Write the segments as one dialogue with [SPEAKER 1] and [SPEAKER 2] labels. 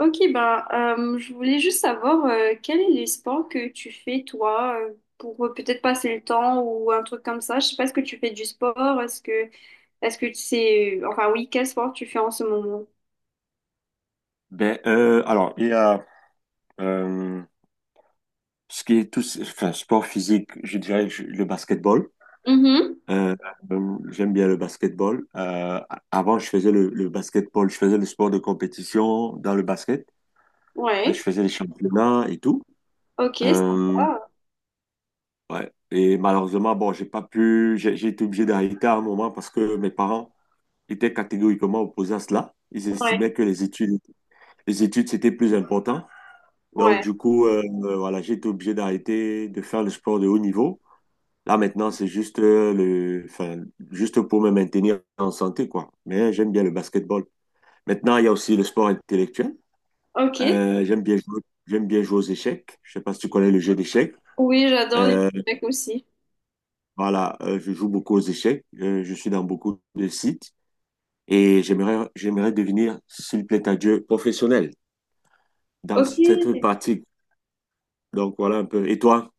[SPEAKER 1] Ok, bah, je voulais juste savoir quel est les sports que tu fais toi pour peut-être passer le temps ou un truc comme ça. Je sais pas, est-ce que tu fais du sport? Est-ce que tu sais enfin oui, quel sport tu fais en ce moment?
[SPEAKER 2] Il y a euh, ce qui est tout, enfin, sport physique, le basketball.
[SPEAKER 1] Mhm.
[SPEAKER 2] Euh, j'aime bien le basketball. Avant, je faisais le basketball, je faisais le sport de compétition dans le basket. Je
[SPEAKER 1] Ouais.
[SPEAKER 2] faisais les championnats et tout.
[SPEAKER 1] Ok,
[SPEAKER 2] Euh,
[SPEAKER 1] sympa.
[SPEAKER 2] ouais. Et malheureusement, bon, j'ai pas pu, j'ai été obligé d'arrêter à un moment parce que mes parents étaient catégoriquement opposés à cela. Ils
[SPEAKER 1] Ouais.
[SPEAKER 2] estimaient que les études, c'était plus important. Donc,
[SPEAKER 1] Ouais.
[SPEAKER 2] du coup, voilà, j'ai été obligé d'arrêter de faire le sport de haut niveau. Là, maintenant, c'est juste, juste pour me maintenir en santé, quoi. Mais j'aime bien le basketball. Maintenant, il y a aussi le sport intellectuel.
[SPEAKER 1] Ok.
[SPEAKER 2] Euh, j'aime bien jouer, j'aime bien jouer aux échecs. Je sais pas si tu connais le jeu d'échecs.
[SPEAKER 1] Oui, j'adore les
[SPEAKER 2] Euh,
[SPEAKER 1] mecs aussi.
[SPEAKER 2] voilà, je joue beaucoup aux échecs. Je suis dans beaucoup de sites et j'aimerais devenir, s'il plaît à Dieu, professionnel dans cette
[SPEAKER 1] Ok.
[SPEAKER 2] pratique. Donc, voilà un peu. Et toi?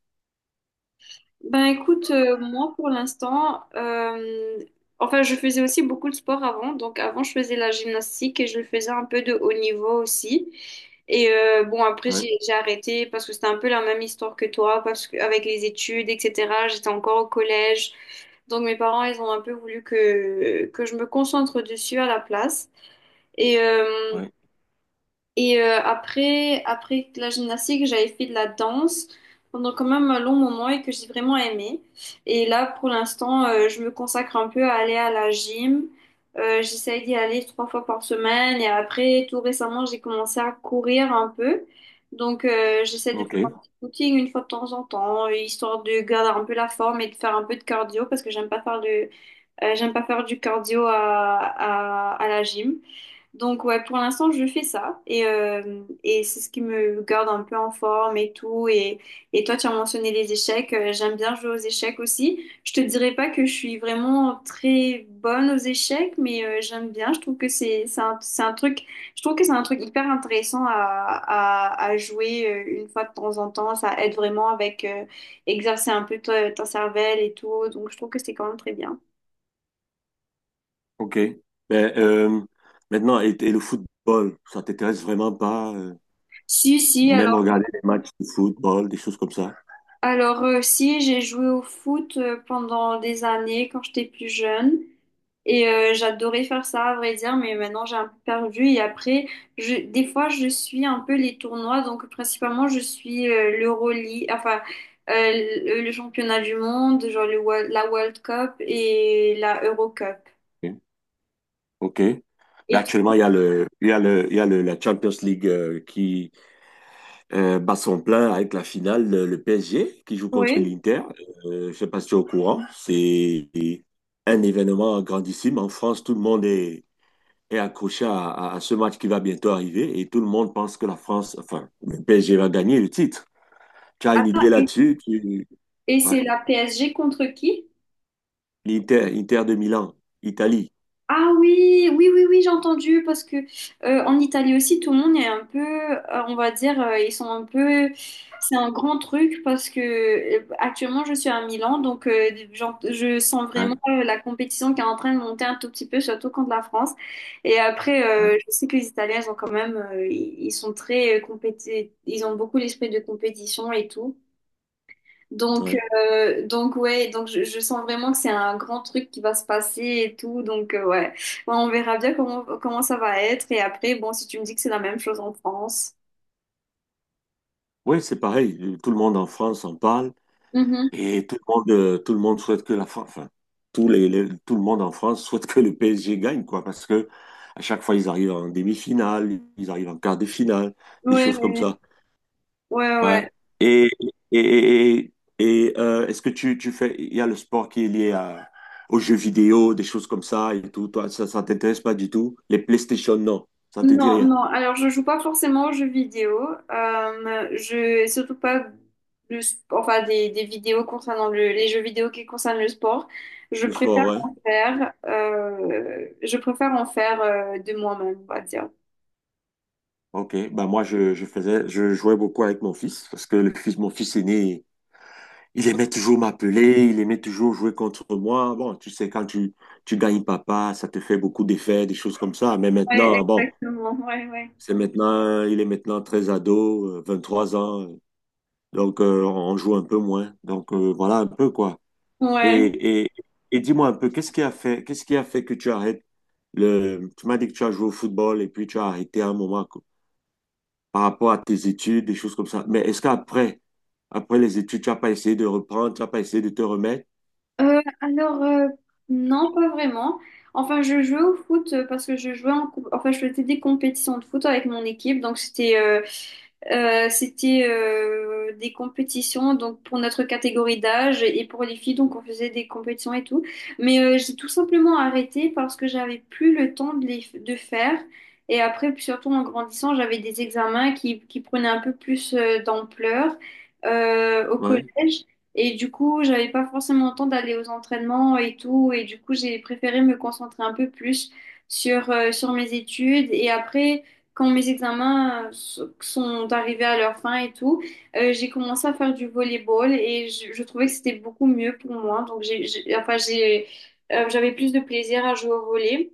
[SPEAKER 1] Ben écoute, moi pour l'instant, enfin je faisais aussi beaucoup de sport avant. Donc avant je faisais la gymnastique et je le faisais un peu de haut niveau aussi. Et bon après
[SPEAKER 2] Ouais,
[SPEAKER 1] j'ai arrêté parce que c'était un peu la même histoire que toi, parce que avec les études, etc. J'étais encore au collège, donc mes parents ils ont un peu voulu que je me concentre dessus à la place. Et euh,
[SPEAKER 2] ouais.
[SPEAKER 1] après, après la gymnastique, j'avais fait de la danse pendant quand même un long moment et que j'ai vraiment aimé. Et là, pour l'instant, je me consacre un peu à aller à la gym. J'essaye d'y aller trois fois par semaine. Et après, tout récemment, j'ai commencé à courir un peu. Donc, j'essaie de faire
[SPEAKER 2] OK.
[SPEAKER 1] un petit footing une fois de temps en temps, histoire de garder un peu la forme et de faire un peu de cardio parce que j'aime pas faire du cardio à la gym. Donc ouais, pour l'instant, je fais ça et c'est ce qui me garde un peu en forme et tout. Et toi, tu as mentionné les échecs. J'aime bien jouer aux échecs aussi. Je te dirais pas que je suis vraiment très bonne aux échecs, mais j'aime bien. Je trouve que c'est un truc, je trouve que c'est un truc hyper intéressant à jouer une fois de temps en temps. Ça aide vraiment avec exercer un peu ton cervelle et tout. Donc je trouve que c'est quand même très bien.
[SPEAKER 2] Ok. Mais, maintenant, et le football, ça t'intéresse vraiment pas,
[SPEAKER 1] Si, si,
[SPEAKER 2] même regarder des matchs de football, des choses comme ça?
[SPEAKER 1] alors si, j'ai joué au foot pendant des années quand j'étais plus jeune et j'adorais faire ça à vrai dire, mais maintenant j'ai un peu perdu et après, des fois je suis un peu les tournois, donc principalement je suis l'Euroleague, le championnat du monde, genre la World Cup et la Euro Cup.
[SPEAKER 2] Ok. Ok. Mais
[SPEAKER 1] Et
[SPEAKER 2] actuellement,
[SPEAKER 1] toi?
[SPEAKER 2] il y a le, il y a le, il y a le- la Champions League qui bat son plein avec la finale, le PSG qui joue contre
[SPEAKER 1] Oui.
[SPEAKER 2] l'Inter. Je sais pas si tu es au courant. C'est un événement grandissime. En France, tout le monde est, est accroché à ce match qui va bientôt arriver et tout le monde pense que la France, enfin, le PSG va gagner le titre. Tu as une
[SPEAKER 1] Attends,
[SPEAKER 2] idée là-dessus? Tu...
[SPEAKER 1] et
[SPEAKER 2] Ouais.
[SPEAKER 1] c'est la PSG contre qui?
[SPEAKER 2] L'Inter, Inter de Milan, Italie.
[SPEAKER 1] Ah oui, oui, oui, oui, j'ai entendu parce que en Italie aussi, tout le monde est un peu, on va dire, ils sont un peu, c'est un grand truc parce que actuellement je suis à Milan, donc je sens vraiment
[SPEAKER 2] Hein,
[SPEAKER 1] la compétition qui est en train de monter un tout petit peu, surtout contre la France. Et après,
[SPEAKER 2] hein,
[SPEAKER 1] je sais que les Italiens ils ont quand même, ils sont très ils ont beaucoup l'esprit de compétition et tout. Donc,
[SPEAKER 2] ouais.
[SPEAKER 1] donc ouais, donc je sens vraiment que c'est un grand truc qui va se passer et tout. Donc, ouais. Ouais, on verra bien comment ça va être. Et après, bon, si tu me dis que c'est la même chose en France.
[SPEAKER 2] Oui, c'est pareil. Tout le monde en France en parle
[SPEAKER 1] Mhm.
[SPEAKER 2] et tout le monde souhaite que la France, enfin, tout le monde en France souhaite que le PSG gagne, quoi, parce que à chaque fois, ils arrivent en demi-finale, ils arrivent en quart de finale, des
[SPEAKER 1] Ouais,
[SPEAKER 2] choses comme ça.
[SPEAKER 1] ouais, ouais.
[SPEAKER 2] Ouais.
[SPEAKER 1] Ouais.
[SPEAKER 2] Et, et, et, et, est-ce que tu fais, il y a le sport qui est lié aux jeux vidéo, des choses comme ça et tout. Toi, ça t'intéresse pas du tout? Les PlayStation, non. Ça te dit
[SPEAKER 1] Non,
[SPEAKER 2] rien.
[SPEAKER 1] non. Alors, je joue pas forcément aux jeux vidéo. Surtout pas enfin, des vidéos concernant les jeux vidéo qui concernent le sport.
[SPEAKER 2] Le sport, ouais.
[SPEAKER 1] Je préfère en faire de moi-même, on va dire.
[SPEAKER 2] Ok. Bah, je faisais, je jouais beaucoup avec mon fils parce que le fils, mon fils aîné, il aimait toujours m'appeler, il aimait toujours jouer contre moi. Bon, tu sais, tu gagnes papa, ça te fait beaucoup d'effets, des choses comme ça. Mais
[SPEAKER 1] Ouais,
[SPEAKER 2] maintenant, bon,
[SPEAKER 1] exactement. Ouais, ouais.
[SPEAKER 2] c'est maintenant, il est maintenant très ado, trois ans. Donc, on joue un peu moins. Donc, voilà un peu quoi.
[SPEAKER 1] Ouais.
[SPEAKER 2] Et, et, et dis-moi un peu, qu'est-ce qui a fait que tu arrêtes le... Tu m'as dit que tu as joué au football et puis tu as arrêté à un moment quoi, par rapport à tes études, des choses comme ça. Mais est-ce qu'après, après les études, tu n'as pas essayé de reprendre, tu n'as pas essayé de te remettre?
[SPEAKER 1] Euh, alors, euh, non, pas vraiment. Enfin, je jouais au foot parce que je jouais en... comp- Enfin, je faisais des compétitions de foot avec mon équipe. Donc, c'était des compétitions donc pour notre catégorie d'âge et pour les filles. Donc, on faisait des compétitions et tout. Mais j'ai tout simplement arrêté parce que j'avais plus le temps de les de faire. Et après, puis surtout en grandissant, j'avais des examens qui prenaient un peu plus d'ampleur au
[SPEAKER 2] Ouais,
[SPEAKER 1] collège. Et du coup, j'avais pas forcément le temps d'aller aux entraînements et tout. Et du coup, j'ai préféré me concentrer un peu plus sur mes études. Et après, quand mes examens sont arrivés à leur fin et tout, j'ai commencé à faire du volleyball et je trouvais que c'était beaucoup mieux pour moi. Donc j'avais plus de plaisir à jouer au volley.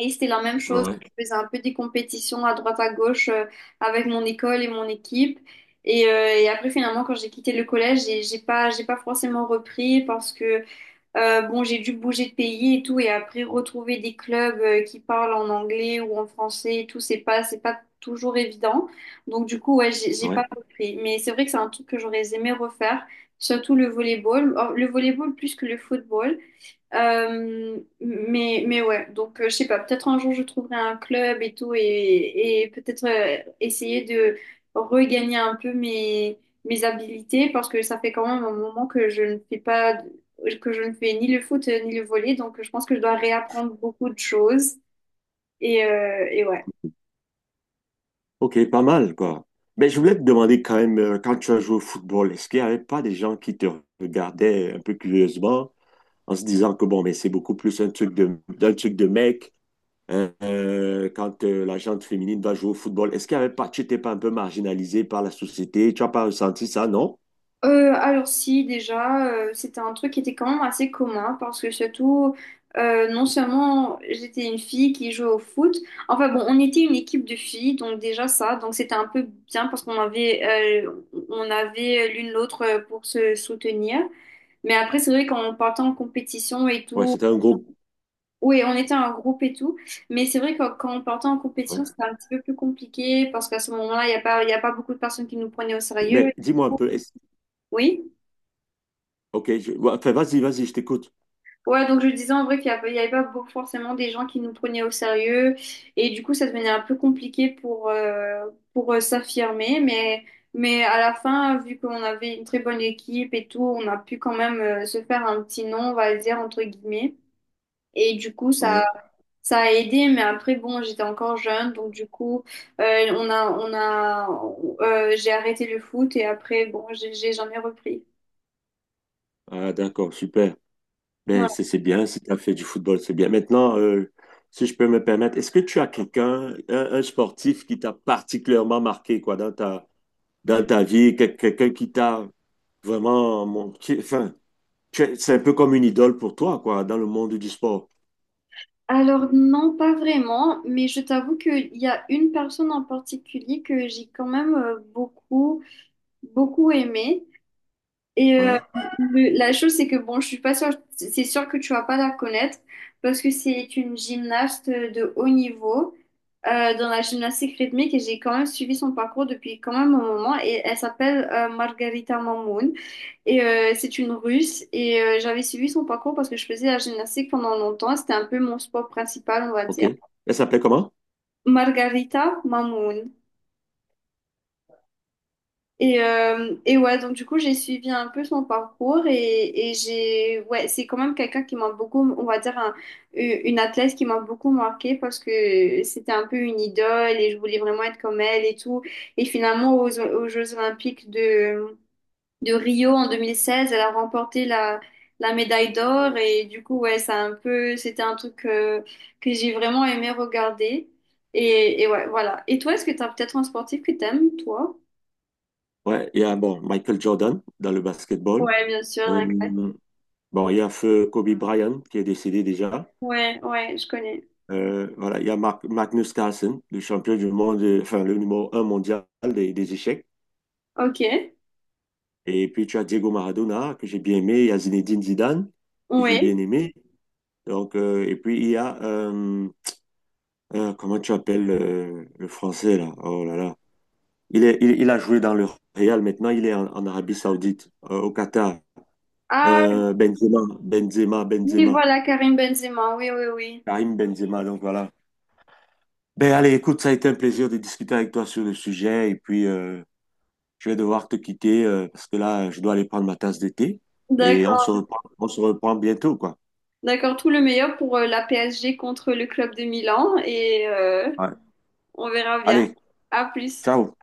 [SPEAKER 1] Et c'était la même chose.
[SPEAKER 2] ouais,
[SPEAKER 1] Je faisais un peu des compétitions à droite à gauche avec mon école et mon équipe. Et après, finalement, quand j'ai quitté le collège, j'ai pas forcément repris parce que, bon, j'ai dû bouger de pays et tout. Et après, retrouver des clubs qui parlent en anglais ou en français et tout, c'est pas toujours évident. Donc, du coup, ouais, j'ai
[SPEAKER 2] ouais.
[SPEAKER 1] pas repris. Mais c'est vrai que c'est un truc que j'aurais aimé refaire, surtout le volleyball. Or, le volleyball plus que le football. Mais ouais, donc je sais pas, peut-être un jour je trouverai un club et tout et peut-être essayer de regagner un peu mes habilités parce que ça fait quand même un moment que je ne fais pas, que je ne fais ni le foot ni le volley, donc je pense que je dois réapprendre beaucoup de choses et ouais.
[SPEAKER 2] Ok, pas mal quoi. Mais je voulais te demander quand même, quand tu as joué au football, est-ce qu'il n'y avait pas des gens qui te regardaient un peu curieusement en se disant que bon, mais c'est beaucoup plus un truc de, d'un truc de mec? Quand la gente féminine va jouer au football, est-ce qu'il y avait pas, tu n'étais pas un peu marginalisé par la société? Tu n'as pas ressenti ça, non?
[SPEAKER 1] Alors si déjà c'était un truc qui était quand même assez commun parce que surtout non seulement j'étais une fille qui jouait au foot, enfin bon on était une équipe de filles donc déjà ça, donc c'était un peu bien parce qu'on avait on avait l'une l'autre pour se soutenir. Mais après c'est vrai quand on partait en compétition et
[SPEAKER 2] Ouais,
[SPEAKER 1] tout,
[SPEAKER 2] c'était un groupe.
[SPEAKER 1] oui on était un groupe et tout. Mais c'est vrai que quand on partait en
[SPEAKER 2] Ouais.
[SPEAKER 1] compétition c'était un petit peu plus compliqué parce qu'à ce moment-là il y a pas beaucoup de personnes qui nous prenaient au sérieux.
[SPEAKER 2] Mais dis-moi un peu, est-ce-
[SPEAKER 1] Oui.
[SPEAKER 2] ok, ouais, enfin, vas-y, vas-y, je t'écoute.
[SPEAKER 1] Ouais, donc je disais en vrai qu'il y avait pas beaucoup- forcément des gens qui nous prenaient au sérieux et du coup ça devenait un peu compliqué pour s'affirmer, mais à la fin, vu qu'on avait une très bonne équipe et tout, on a pu quand même se faire un petit nom, on va dire, entre guillemets. Et du coup
[SPEAKER 2] Ouais.
[SPEAKER 1] ça a aidé. Mais après bon, j'étais encore jeune donc du coup euh, on a, on a, j'ai arrêté le foot et après bon, j'en ai repris.
[SPEAKER 2] Ah, d'accord, super. Mais
[SPEAKER 1] Ouais.
[SPEAKER 2] c'est bien, si tu as fait du football, c'est bien. Maintenant, si je peux me permettre, est-ce que tu as quelqu'un, un sportif qui t'a particulièrement marqué, quoi, dans ta vie, quelqu'un qui t'a vraiment, enfin, c'est un peu comme une idole pour toi, quoi, dans le monde du sport.
[SPEAKER 1] Alors non, pas vraiment, mais je t'avoue qu'il y a une personne en particulier que j'ai quand même beaucoup aimée. Et
[SPEAKER 2] Ouais,
[SPEAKER 1] le- la chose, c'est que bon, je suis pas sûre, c'est sûr que tu vas pas la connaître parce que c'est une gymnaste de haut niveau dans la gymnastique rythmique et j'ai quand même suivi son parcours depuis quand même un moment et elle s'appelle Margarita Mamoun et c'est une Russe et j'avais suivi son parcours parce que je faisais la gymnastique pendant longtemps, c'était un peu mon sport principal, on va
[SPEAKER 2] ok.
[SPEAKER 1] dire.
[SPEAKER 2] Elle s'appelait comment?
[SPEAKER 1] Margarita Mamoun. Et ouais, donc du coup, j'ai suivi un peu son parcours et j'ai, ouais, c'est quand même quelqu'un qui m'a beaucoup, on va dire, un- une athlète qui m'a beaucoup marquée parce que c'était un peu une idole et je voulais vraiment être comme elle et tout. Et finalement, aux Jeux Olympiques de Rio en 2016, elle a remporté la médaille d'or et du coup, ouais, ça a un peu, c'était un truc que j'ai vraiment aimé regarder. Et ouais, voilà. Et toi, est-ce que t'as peut-être un sportif que t'aimes, toi?
[SPEAKER 2] Ouais, il y a bon, Michael Jordan dans le basketball.
[SPEAKER 1] Ouais, bien sûr, un
[SPEAKER 2] Euh,
[SPEAKER 1] classique.
[SPEAKER 2] bon, il y a feu Kobe Bryant qui est décédé déjà.
[SPEAKER 1] Ouais, ouais, je connais.
[SPEAKER 2] Voilà, il y a Magnus Carlsen, le champion du monde, enfin le numéro un mondial des échecs.
[SPEAKER 1] Ok,
[SPEAKER 2] Et puis tu as Diego Maradona que j'ai bien aimé, il y a Zinedine Zidane que j'ai
[SPEAKER 1] oui.
[SPEAKER 2] bien aimé. Et puis il y a comment tu appelles le français là? Oh là là. Il a joué dans le Real, maintenant il est en, en Arabie Saoudite, au Qatar.
[SPEAKER 1] Ah, oui,
[SPEAKER 2] Benzema,
[SPEAKER 1] voilà, Karim Benzema, oui, oui, oui.
[SPEAKER 2] Karim Benzema, donc voilà. Ben allez, écoute, ça a été un plaisir de discuter avec toi sur le sujet et puis je vais devoir te quitter parce que là, je dois aller prendre ma tasse de thé et
[SPEAKER 1] D'accord,
[SPEAKER 2] on se reprend bientôt, quoi.
[SPEAKER 1] d'accord, tout le meilleur pour la PSG contre le club de Milan et
[SPEAKER 2] Ouais.
[SPEAKER 1] on verra bien.
[SPEAKER 2] Allez,
[SPEAKER 1] À plus.
[SPEAKER 2] ciao.